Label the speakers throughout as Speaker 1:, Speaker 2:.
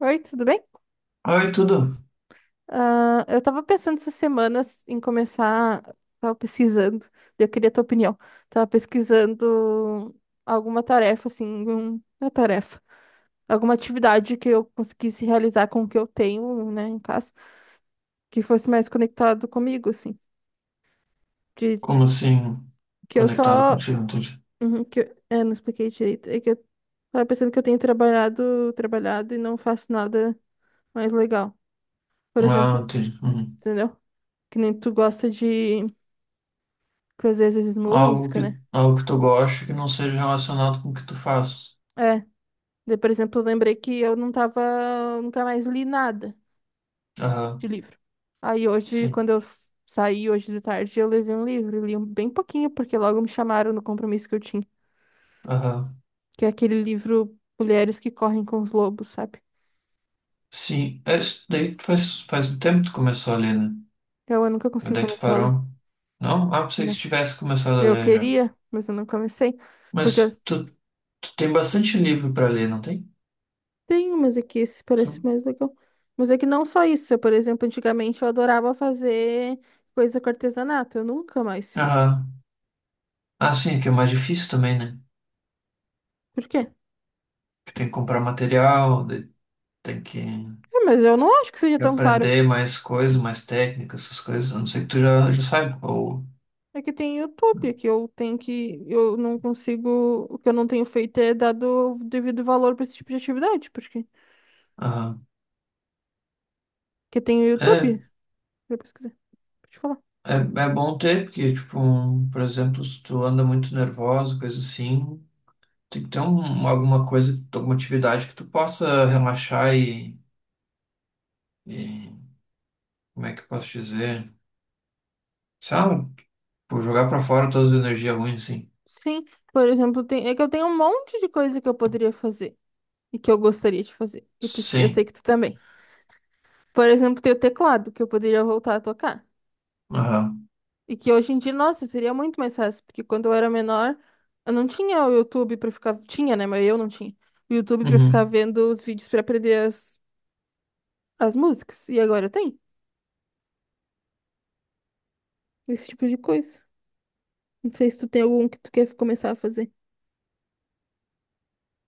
Speaker 1: Oi, tudo bem?
Speaker 2: Oi, tudo?
Speaker 1: Ah, eu tava pensando essas semanas em começar, tava pesquisando, eu queria tua opinião. Tava pesquisando alguma tarefa, assim, uma tarefa, alguma atividade que eu conseguisse realizar com o que eu tenho, né, em casa, que fosse mais conectado comigo, assim, de, de-
Speaker 2: Como assim,
Speaker 1: que eu
Speaker 2: conectado
Speaker 1: só,
Speaker 2: contigo, entendi.
Speaker 1: uhum, não expliquei direito, é que eu tava pensando que eu tenho trabalhado, trabalhado e não faço nada mais legal. Por
Speaker 2: Ah,
Speaker 1: exemplo,
Speaker 2: entendi. Uhum.
Speaker 1: entendeu? Que nem tu gosta de fazer às vezes
Speaker 2: Algo
Speaker 1: música,
Speaker 2: que,
Speaker 1: né?
Speaker 2: algo que tu goste que não seja relacionado com o que tu fazes.
Speaker 1: É. Daí, por exemplo, eu lembrei que eu não tava, nunca mais li nada de
Speaker 2: Aham,
Speaker 1: livro. Aí hoje,
Speaker 2: sim.
Speaker 1: quando eu saí hoje de tarde, eu levei um livro, li bem pouquinho, porque logo me chamaram no compromisso que eu tinha,
Speaker 2: Aham,
Speaker 1: que é aquele livro Mulheres que Correm com os Lobos, sabe?
Speaker 2: sim. É, isso daí tu faz um tempo que tu começou ali, né?
Speaker 1: Eu nunca
Speaker 2: Mas
Speaker 1: consegui
Speaker 2: daí tu
Speaker 1: começar a ler.
Speaker 2: parou. Não? Ah, pensei que tu
Speaker 1: Não.
Speaker 2: tivesse começado a
Speaker 1: Eu
Speaker 2: ler já.
Speaker 1: queria, mas eu não comecei, porque eu
Speaker 2: Mas tu, tu tem bastante livro pra ler, não tem?
Speaker 1: tenho, mas é que esse parece
Speaker 2: Sim.
Speaker 1: mais legal. Mas é que não só isso, eu, por exemplo, antigamente eu adorava fazer coisa com artesanato, eu nunca mais fiz.
Speaker 2: Aham. Ah, sim, que é mais difícil também, né?
Speaker 1: Por quê? É,
Speaker 2: Que tem que comprar material, daí tem que...
Speaker 1: mas eu não acho que seja
Speaker 2: de
Speaker 1: tão caro.
Speaker 2: aprender mais coisas, mais técnicas, essas coisas. A não sei que já sabe. Ou,
Speaker 1: É que tem YouTube, que eu tenho que. Eu não consigo. O que eu não tenho feito é dado o devido valor para esse tipo de atividade. Porque,
Speaker 2: aham.
Speaker 1: porque tem o
Speaker 2: É,
Speaker 1: YouTube. Pra pesquisar. Pra te falar.
Speaker 2: é, é bom ter, porque, tipo, um, por exemplo, se tu anda muito nervoso, coisa assim, tem que ter um, alguma coisa, alguma atividade que tu possa relaxar e como é que eu posso dizer? Sabe? Por jogar pra fora todas as energias ruins, assim.
Speaker 1: Sim, por exemplo, tem, é que eu tenho um monte de coisa que eu poderia fazer e que eu gostaria de fazer. E tu, eu sei
Speaker 2: Sim.
Speaker 1: que tu também. Por exemplo, tem o teclado, que eu poderia voltar a tocar.
Speaker 2: Aham.
Speaker 1: E que hoje em dia, nossa, seria muito mais fácil, porque quando eu era menor, eu não tinha o YouTube pra ficar. Tinha, né? Mas eu não tinha. O YouTube pra ficar
Speaker 2: Uhum.
Speaker 1: vendo os vídeos pra aprender as músicas. E agora tem esse tipo de coisa. Não sei se tu tem algum que tu quer começar a fazer.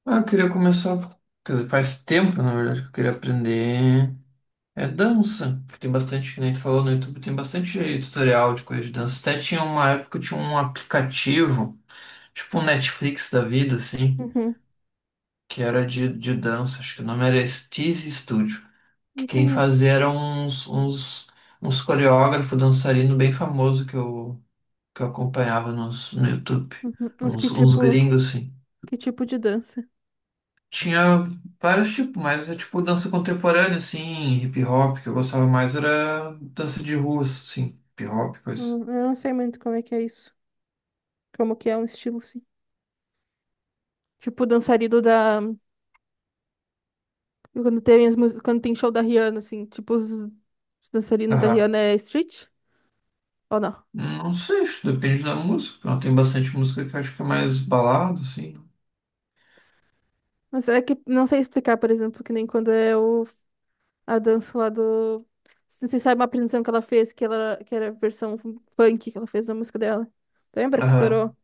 Speaker 2: Ah, eu queria começar. Quer dizer, faz tempo, na verdade, que eu queria aprender. É dança, porque tem bastante, que nem tu falou no YouTube, tem bastante tutorial de coisa de dança. Até tinha uma época, que tinha um aplicativo, tipo um Netflix da vida, assim,
Speaker 1: Uhum,
Speaker 2: que era de dança, acho que o nome era Steezy Studio,
Speaker 1: não
Speaker 2: que quem
Speaker 1: conheço.
Speaker 2: fazia eram uns coreógrafos, dançarino bem famoso que que eu acompanhava no YouTube,
Speaker 1: Uhum.
Speaker 2: uns gringos, assim.
Speaker 1: Que tipo de dança?
Speaker 2: Tinha vários tipos, mas é tipo dança contemporânea, assim, hip hop, que eu gostava mais era dança de rua, assim, hip hop, coisa.
Speaker 1: Eu não sei muito como é que é isso. Como que é um estilo, assim. Tipo dançarino da. Quando tem as músicas, quando tem show da Rihanna, assim, tipo os dançarinos da
Speaker 2: Aham.
Speaker 1: Rihanna é street? Ou não?
Speaker 2: Não sei, isso depende da música. Não, tem bastante música que eu acho que é mais balada, assim.
Speaker 1: Mas é que não sei explicar, por exemplo, que nem a dança lá do. Você sabe uma apresentação que ela fez, que era a versão funk que ela fez da música dela. Lembra que
Speaker 2: Aham.
Speaker 1: estourou?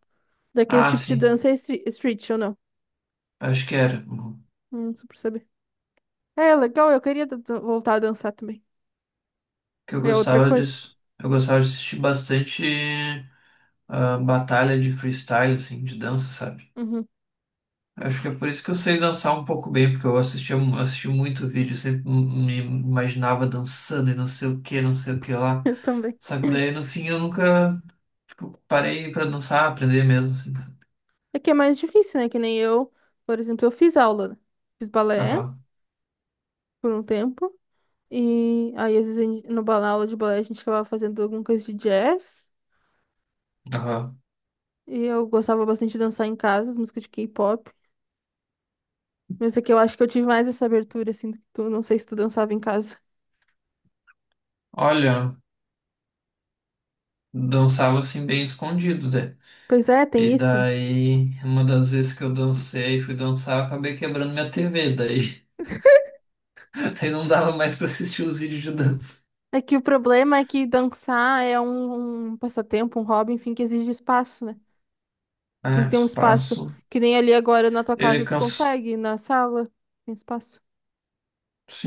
Speaker 1: Daquele
Speaker 2: Ah,
Speaker 1: tipo de
Speaker 2: sim.
Speaker 1: dança é street, ou não?
Speaker 2: Acho que era. Uhum.
Speaker 1: Não sei por saber. É, legal, eu queria voltar a dançar também.
Speaker 2: Que eu
Speaker 1: É outra
Speaker 2: gostava
Speaker 1: coisa.
Speaker 2: disso. Eu gostava de assistir bastante batalha de freestyle, assim, de dança, sabe?
Speaker 1: Uhum,
Speaker 2: Acho que é por isso que eu sei dançar um pouco bem, porque eu assisti muito vídeo, sempre me imaginava dançando e não sei o que, não sei o que lá.
Speaker 1: eu também.
Speaker 2: Só que daí no fim eu nunca, tipo, parei pra dançar, aprender mesmo, assim. Sabe?
Speaker 1: É que é mais difícil, né? Que nem eu, por exemplo, eu fiz aula, né? Fiz balé
Speaker 2: Aham,
Speaker 1: por um tempo. E aí, às vezes, no balé, aula de balé, a gente acabava fazendo alguma coisa de jazz.
Speaker 2: aham.
Speaker 1: E eu gostava bastante de dançar em casa, as músicas de K-pop. Mas é que eu acho que eu tive mais essa abertura, assim, do que tu. Não sei se tu dançava em casa.
Speaker 2: Olha, dançava assim bem escondido, né?
Speaker 1: Pois é, tem
Speaker 2: E
Speaker 1: isso, né?
Speaker 2: daí, uma das vezes que eu fui dançar, eu acabei quebrando minha TV, daí, daí não dava mais pra assistir os vídeos de dança.
Speaker 1: É que o problema é que dançar é um passatempo, um hobby, enfim, que exige espaço, né? Tu tem
Speaker 2: Ah,
Speaker 1: que ter um espaço
Speaker 2: espaço.
Speaker 1: que nem ali agora na tua
Speaker 2: Ele
Speaker 1: casa tu
Speaker 2: cansa.
Speaker 1: consegue, na sala tem espaço,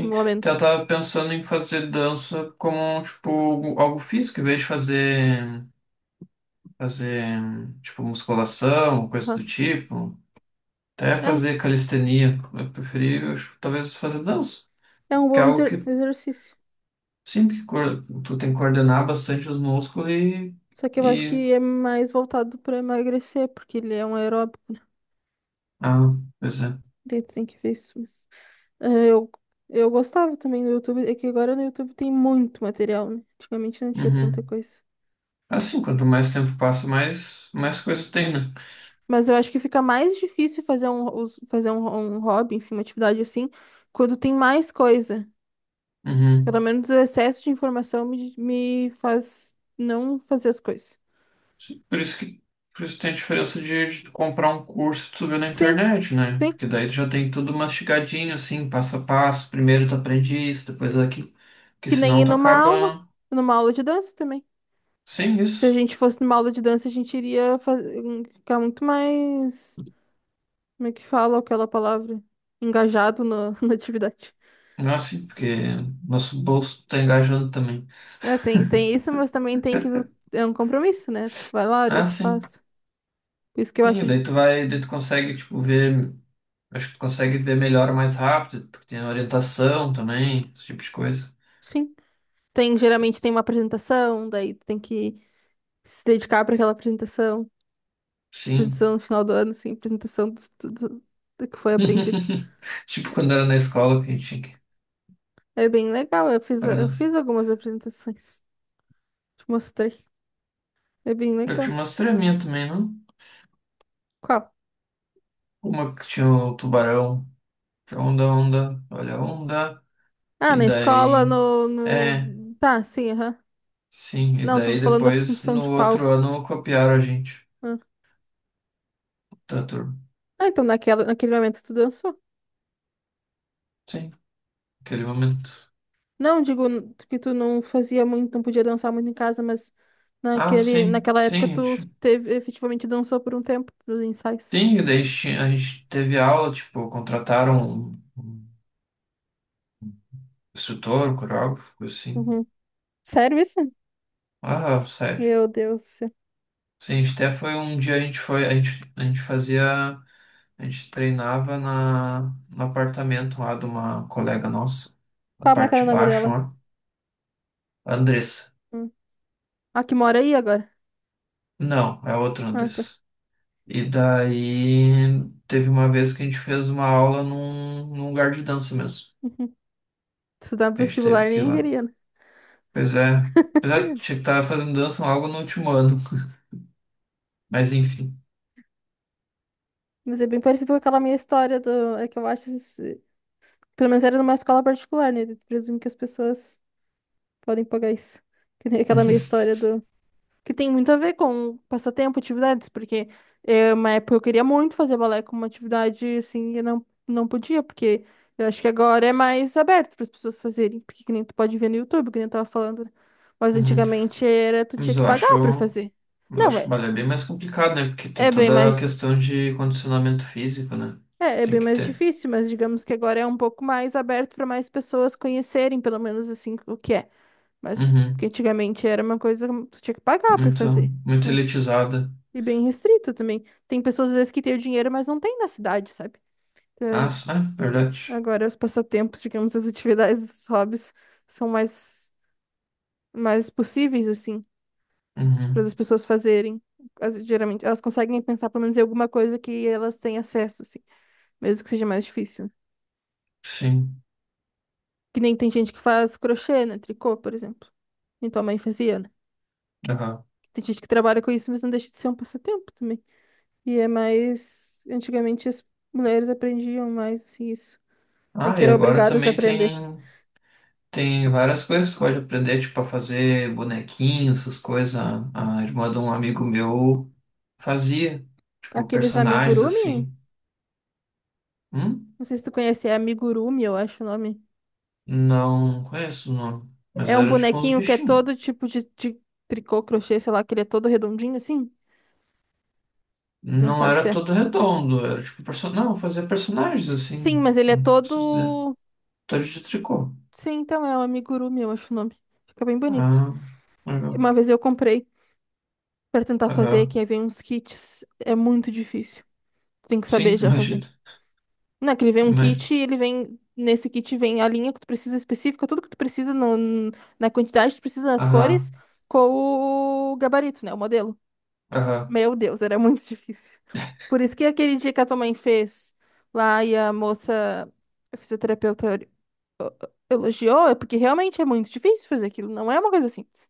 Speaker 1: no momento.
Speaker 2: então eu tava pensando em fazer dança como, tipo, algo físico, em vez de fazer, tipo, musculação, coisa
Speaker 1: Aham.
Speaker 2: do tipo, até fazer calistenia. Eu preferi, eu acho, talvez, fazer dança,
Speaker 1: É, é um
Speaker 2: que é
Speaker 1: bom
Speaker 2: algo
Speaker 1: exer-
Speaker 2: que,
Speaker 1: exercício.
Speaker 2: sim, que coor- tu tem que coordenar bastante os músculos
Speaker 1: Só que eu acho
Speaker 2: e...
Speaker 1: que é mais voltado pra emagrecer, porque ele é um aeróbico.
Speaker 2: Ah, pois é.
Speaker 1: Daí tu tem que ver isso, mas... É, eu gostava também do YouTube, é que agora no YouTube tem muito material, né? Antigamente não tinha tanta
Speaker 2: Uhum.
Speaker 1: coisa.
Speaker 2: Assim, quanto mais tempo passa, mais coisa tem, né?
Speaker 1: Mas eu acho que fica mais difícil fazer um hobby, enfim, uma atividade assim, quando tem mais coisa. Pelo
Speaker 2: Uhum.
Speaker 1: menos o excesso de informação me faz não fazer as coisas.
Speaker 2: Por isso que, por isso tem a diferença de tu comprar um curso que tu vê na
Speaker 1: Sim,
Speaker 2: internet, né?
Speaker 1: sim.
Speaker 2: Porque daí tu já tem tudo mastigadinho, assim, passo a passo. Primeiro tu aprende isso, depois aquilo. Porque
Speaker 1: Que nem ir
Speaker 2: senão tu acaba
Speaker 1: numa aula de dança também.
Speaker 2: sem
Speaker 1: Se a
Speaker 2: isso.
Speaker 1: gente fosse numa aula de dança, a gente iria ficar muito mais, como é que fala aquela palavra? Engajado na na atividade.
Speaker 2: Não é assim, porque nosso bolso tá engajando também.
Speaker 1: É, tem, tem isso, mas também tem que. É um compromisso, né? Tu vai lá, daí
Speaker 2: Ah,
Speaker 1: tu
Speaker 2: sim.
Speaker 1: faz. Por isso que eu
Speaker 2: Sim,
Speaker 1: acho.
Speaker 2: daí tu vai, daí tu consegue, tipo, ver. Acho que tu consegue ver melhor mais rápido, porque tem orientação também, esse tipo de coisa.
Speaker 1: Sim. Tem, geralmente tem uma apresentação, daí tu tem que se dedicar para aquela apresentação. Apresentação
Speaker 2: Sim.
Speaker 1: no final do ano, assim apresentação do que foi aprendido.
Speaker 2: Tipo
Speaker 1: É
Speaker 2: quando era na escola que a gente tinha que
Speaker 1: é, bem legal, eu fiz, eu
Speaker 2: parar.
Speaker 1: fiz algumas apresentações. Te mostrei. É bem
Speaker 2: Eu
Speaker 1: legal.
Speaker 2: tinha umas treminhas também, não?
Speaker 1: Qual?
Speaker 2: Uma que tinha o tubarão. Tinha onda, onda, olha a onda.
Speaker 1: Ah,
Speaker 2: E
Speaker 1: na escola,
Speaker 2: daí.
Speaker 1: no,
Speaker 2: É,
Speaker 1: no... Tá, sim, aham.
Speaker 2: sim. E
Speaker 1: Não, tava
Speaker 2: daí
Speaker 1: falando da
Speaker 2: depois,
Speaker 1: apresentação
Speaker 2: no
Speaker 1: de
Speaker 2: outro
Speaker 1: palco.
Speaker 2: ano, copiaram a gente.
Speaker 1: Ah,
Speaker 2: Tá, turma.
Speaker 1: Ah, então naquela, naquele momento tu dançou.
Speaker 2: Sim, aquele momento.
Speaker 1: Não, digo que tu não fazia muito, não podia dançar muito em casa, mas
Speaker 2: Ah,
Speaker 1: naquele,
Speaker 2: sim,
Speaker 1: naquela
Speaker 2: sim, a
Speaker 1: época tu
Speaker 2: gente.
Speaker 1: teve, efetivamente dançou por um tempo nos ensaios.
Speaker 2: Sim, e daí tinha- a gente teve aula, tipo, contrataram um instrutor, um coreógrafo, coisa assim.
Speaker 1: Uhum. Sério isso?
Speaker 2: Ah, sério.
Speaker 1: Meu Deus do céu.
Speaker 2: Sim, a gente até foi um dia a gente foi, a gente fazia, a gente treinava no apartamento lá de uma colega nossa, na
Speaker 1: Qual é que era
Speaker 2: parte
Speaker 1: o
Speaker 2: de
Speaker 1: nome
Speaker 2: baixo,
Speaker 1: dela?
Speaker 2: ó. Andressa.
Speaker 1: Hum. A que mora aí agora?
Speaker 2: Não, é outra
Speaker 1: Ah, tá.
Speaker 2: Andressa. E daí teve uma vez que a gente fez uma aula num, num lugar de dança mesmo.
Speaker 1: Uhum. Estudar pro
Speaker 2: A gente teve
Speaker 1: vestibular
Speaker 2: que ir
Speaker 1: nem
Speaker 2: lá.
Speaker 1: queria, né?
Speaker 2: Pois é, pois é, tinha que estar fazendo dança logo no último ano. Mas enfim.
Speaker 1: Mas é bem parecido com aquela minha história do... É que eu acho... isso- Pelo menos era numa escola particular, né? Eu presumo que as pessoas podem pagar isso. Que nem aquela minha história do... que tem muito a ver com passatempo, atividades, porque é uma época eu queria muito fazer balé como uma atividade, assim, eu não, não podia, porque eu acho que agora é mais aberto para as pessoas fazerem, porque que nem tu pode ver no YouTube, que nem eu tava falando, né? Mas
Speaker 2: Uhum.
Speaker 1: antigamente era, tu tinha
Speaker 2: Mas
Speaker 1: que
Speaker 2: eu
Speaker 1: pagar
Speaker 2: acho,
Speaker 1: para fazer.
Speaker 2: mas eu
Speaker 1: Não,
Speaker 2: acho
Speaker 1: é,
Speaker 2: balé bem mais complicado, né? Porque tem
Speaker 1: é bem
Speaker 2: toda a
Speaker 1: mais,
Speaker 2: questão de condicionamento físico, né?
Speaker 1: é
Speaker 2: Tem
Speaker 1: bem
Speaker 2: que
Speaker 1: mais
Speaker 2: ter.
Speaker 1: difícil, mas digamos que agora é um pouco mais aberto para mais pessoas conhecerem, pelo menos assim, o que é. Mas, porque
Speaker 2: Uhum.
Speaker 1: antigamente era uma coisa que tu tinha que pagar para
Speaker 2: Muito,
Speaker 1: fazer,
Speaker 2: muito
Speaker 1: né?
Speaker 2: elitizada.
Speaker 1: E bem restrita também. Tem pessoas, às vezes, que têm o dinheiro, mas não tem na cidade, sabe?
Speaker 2: Ah,
Speaker 1: Então,
Speaker 2: s- ah, verdade.
Speaker 1: agora, os passatempos, digamos, as atividades, os hobbies, são mais, mais possíveis, assim, para as
Speaker 2: Uhum.
Speaker 1: pessoas fazerem. Geralmente, elas conseguem pensar, pelo menos, em alguma coisa que elas têm acesso, assim, mesmo que seja mais difícil.
Speaker 2: Sim.
Speaker 1: Que nem tem gente que faz crochê, né? Tricô, por exemplo. E tua mãe fazia, né?
Speaker 2: Aham.
Speaker 1: Tem gente que trabalha com isso, mas não deixa de ser um passatempo também. E é mais... Antigamente, as mulheres aprendiam mais, assim, isso. Meio
Speaker 2: Ah,
Speaker 1: que
Speaker 2: e
Speaker 1: eram
Speaker 2: agora
Speaker 1: obrigadas a
Speaker 2: também
Speaker 1: aprender.
Speaker 2: tem, tem várias coisas que pode aprender, tipo, a fazer bonequinhos, essas coisas. A irmã de um amigo meu fazia, tipo,
Speaker 1: Aqueles
Speaker 2: personagens
Speaker 1: amigurumi?
Speaker 2: assim. Hum?
Speaker 1: Não sei se tu conhece, é amigurumi, eu acho o nome.
Speaker 2: Não conheço o nome, mas
Speaker 1: É um
Speaker 2: era tipo uns
Speaker 1: bonequinho que é
Speaker 2: bichinhos.
Speaker 1: todo tipo de tricô, crochê, sei lá, que ele é todo redondinho assim? Não
Speaker 2: Não
Speaker 1: sabe se
Speaker 2: era
Speaker 1: é.
Speaker 2: todo redondo, era tipo person... não, fazia personagens
Speaker 1: Sim,
Speaker 2: assim.
Speaker 1: mas ele é
Speaker 2: Hum,
Speaker 1: todo.
Speaker 2: Todo de tricô.
Speaker 1: Sim, então é o amigurumi, eu acho o nome. Fica bem bonito.
Speaker 2: Ah, legal.
Speaker 1: Uma vez eu comprei pra tentar fazer,
Speaker 2: Aham.
Speaker 1: que aí vem uns kits. É muito difícil. Tem que saber
Speaker 2: Sim,
Speaker 1: já fazer.
Speaker 2: imagina.
Speaker 1: Não, que ele vem um
Speaker 2: Imagina.
Speaker 1: kit, ele vem. Nesse kit vem a linha que tu precisa específica, tudo que tu precisa no, na quantidade que tu precisa nas cores,
Speaker 2: Aham,
Speaker 1: com o gabarito, né? O modelo.
Speaker 2: aham.
Speaker 1: Meu Deus, era muito difícil. Por isso que aquele dia que a tua mãe fez lá e a moça, a fisioterapeuta, elogiou, é porque realmente é muito difícil fazer aquilo, não é uma coisa simples.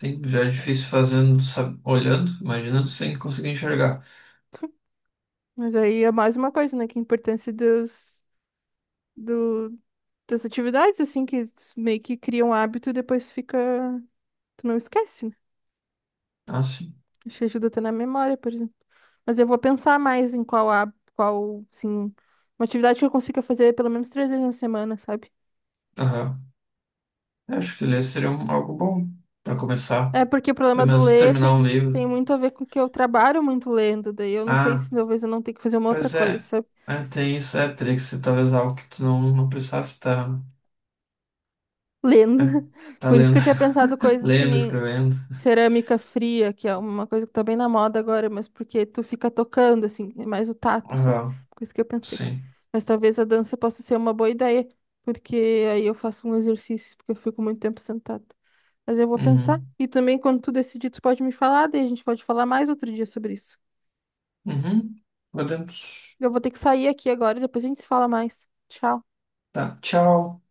Speaker 2: Sim, já é difícil fazendo, sabe, olhando, imaginando sem conseguir enxergar.
Speaker 1: Mas aí é mais uma coisa, né? Que a importância do, das atividades, assim, que meio que criam hábito e depois fica. Tu não esquece, né?
Speaker 2: Ah, sim.
Speaker 1: Te ajuda até na memória, por exemplo. Mas eu vou pensar mais em sim, uma atividade que eu consiga fazer pelo menos 3 vezes na semana, sabe?
Speaker 2: Aham. Eu acho que ler seria um- algo bom para começar.
Speaker 1: É porque o problema
Speaker 2: Pelo
Speaker 1: do
Speaker 2: menos
Speaker 1: ler
Speaker 2: terminar um livro.
Speaker 1: tem muito a ver com que eu trabalho muito lendo, daí eu não sei
Speaker 2: Ah,
Speaker 1: se talvez eu não tenha que fazer uma outra
Speaker 2: pois
Speaker 1: coisa,
Speaker 2: é.
Speaker 1: sabe?
Speaker 2: É, tem isso, é Trix, talvez algo que tu não precisasse estar.
Speaker 1: Lendo.
Speaker 2: É, tá
Speaker 1: Por isso que
Speaker 2: lendo,
Speaker 1: eu tinha pensado coisas que
Speaker 2: lendo,
Speaker 1: nem
Speaker 2: escrevendo.
Speaker 1: cerâmica fria, que é uma coisa que tá bem na moda agora, mas porque tu fica tocando, assim, é mais o tato, sabe?
Speaker 2: Ah,
Speaker 1: Coisa que eu pensei.
Speaker 2: sim.
Speaker 1: Mas talvez a dança possa ser uma boa ideia, porque aí eu faço um exercício, porque eu fico muito tempo sentada. Mas eu vou pensar.
Speaker 2: Uhum.
Speaker 1: E também, quando tu decidir, tu pode me falar, daí a gente pode falar mais outro dia sobre isso.
Speaker 2: Uhum. Uhum. Podemos.
Speaker 1: Eu vou ter que sair aqui agora, e depois a gente se fala mais. Tchau.
Speaker 2: Tá, tchau.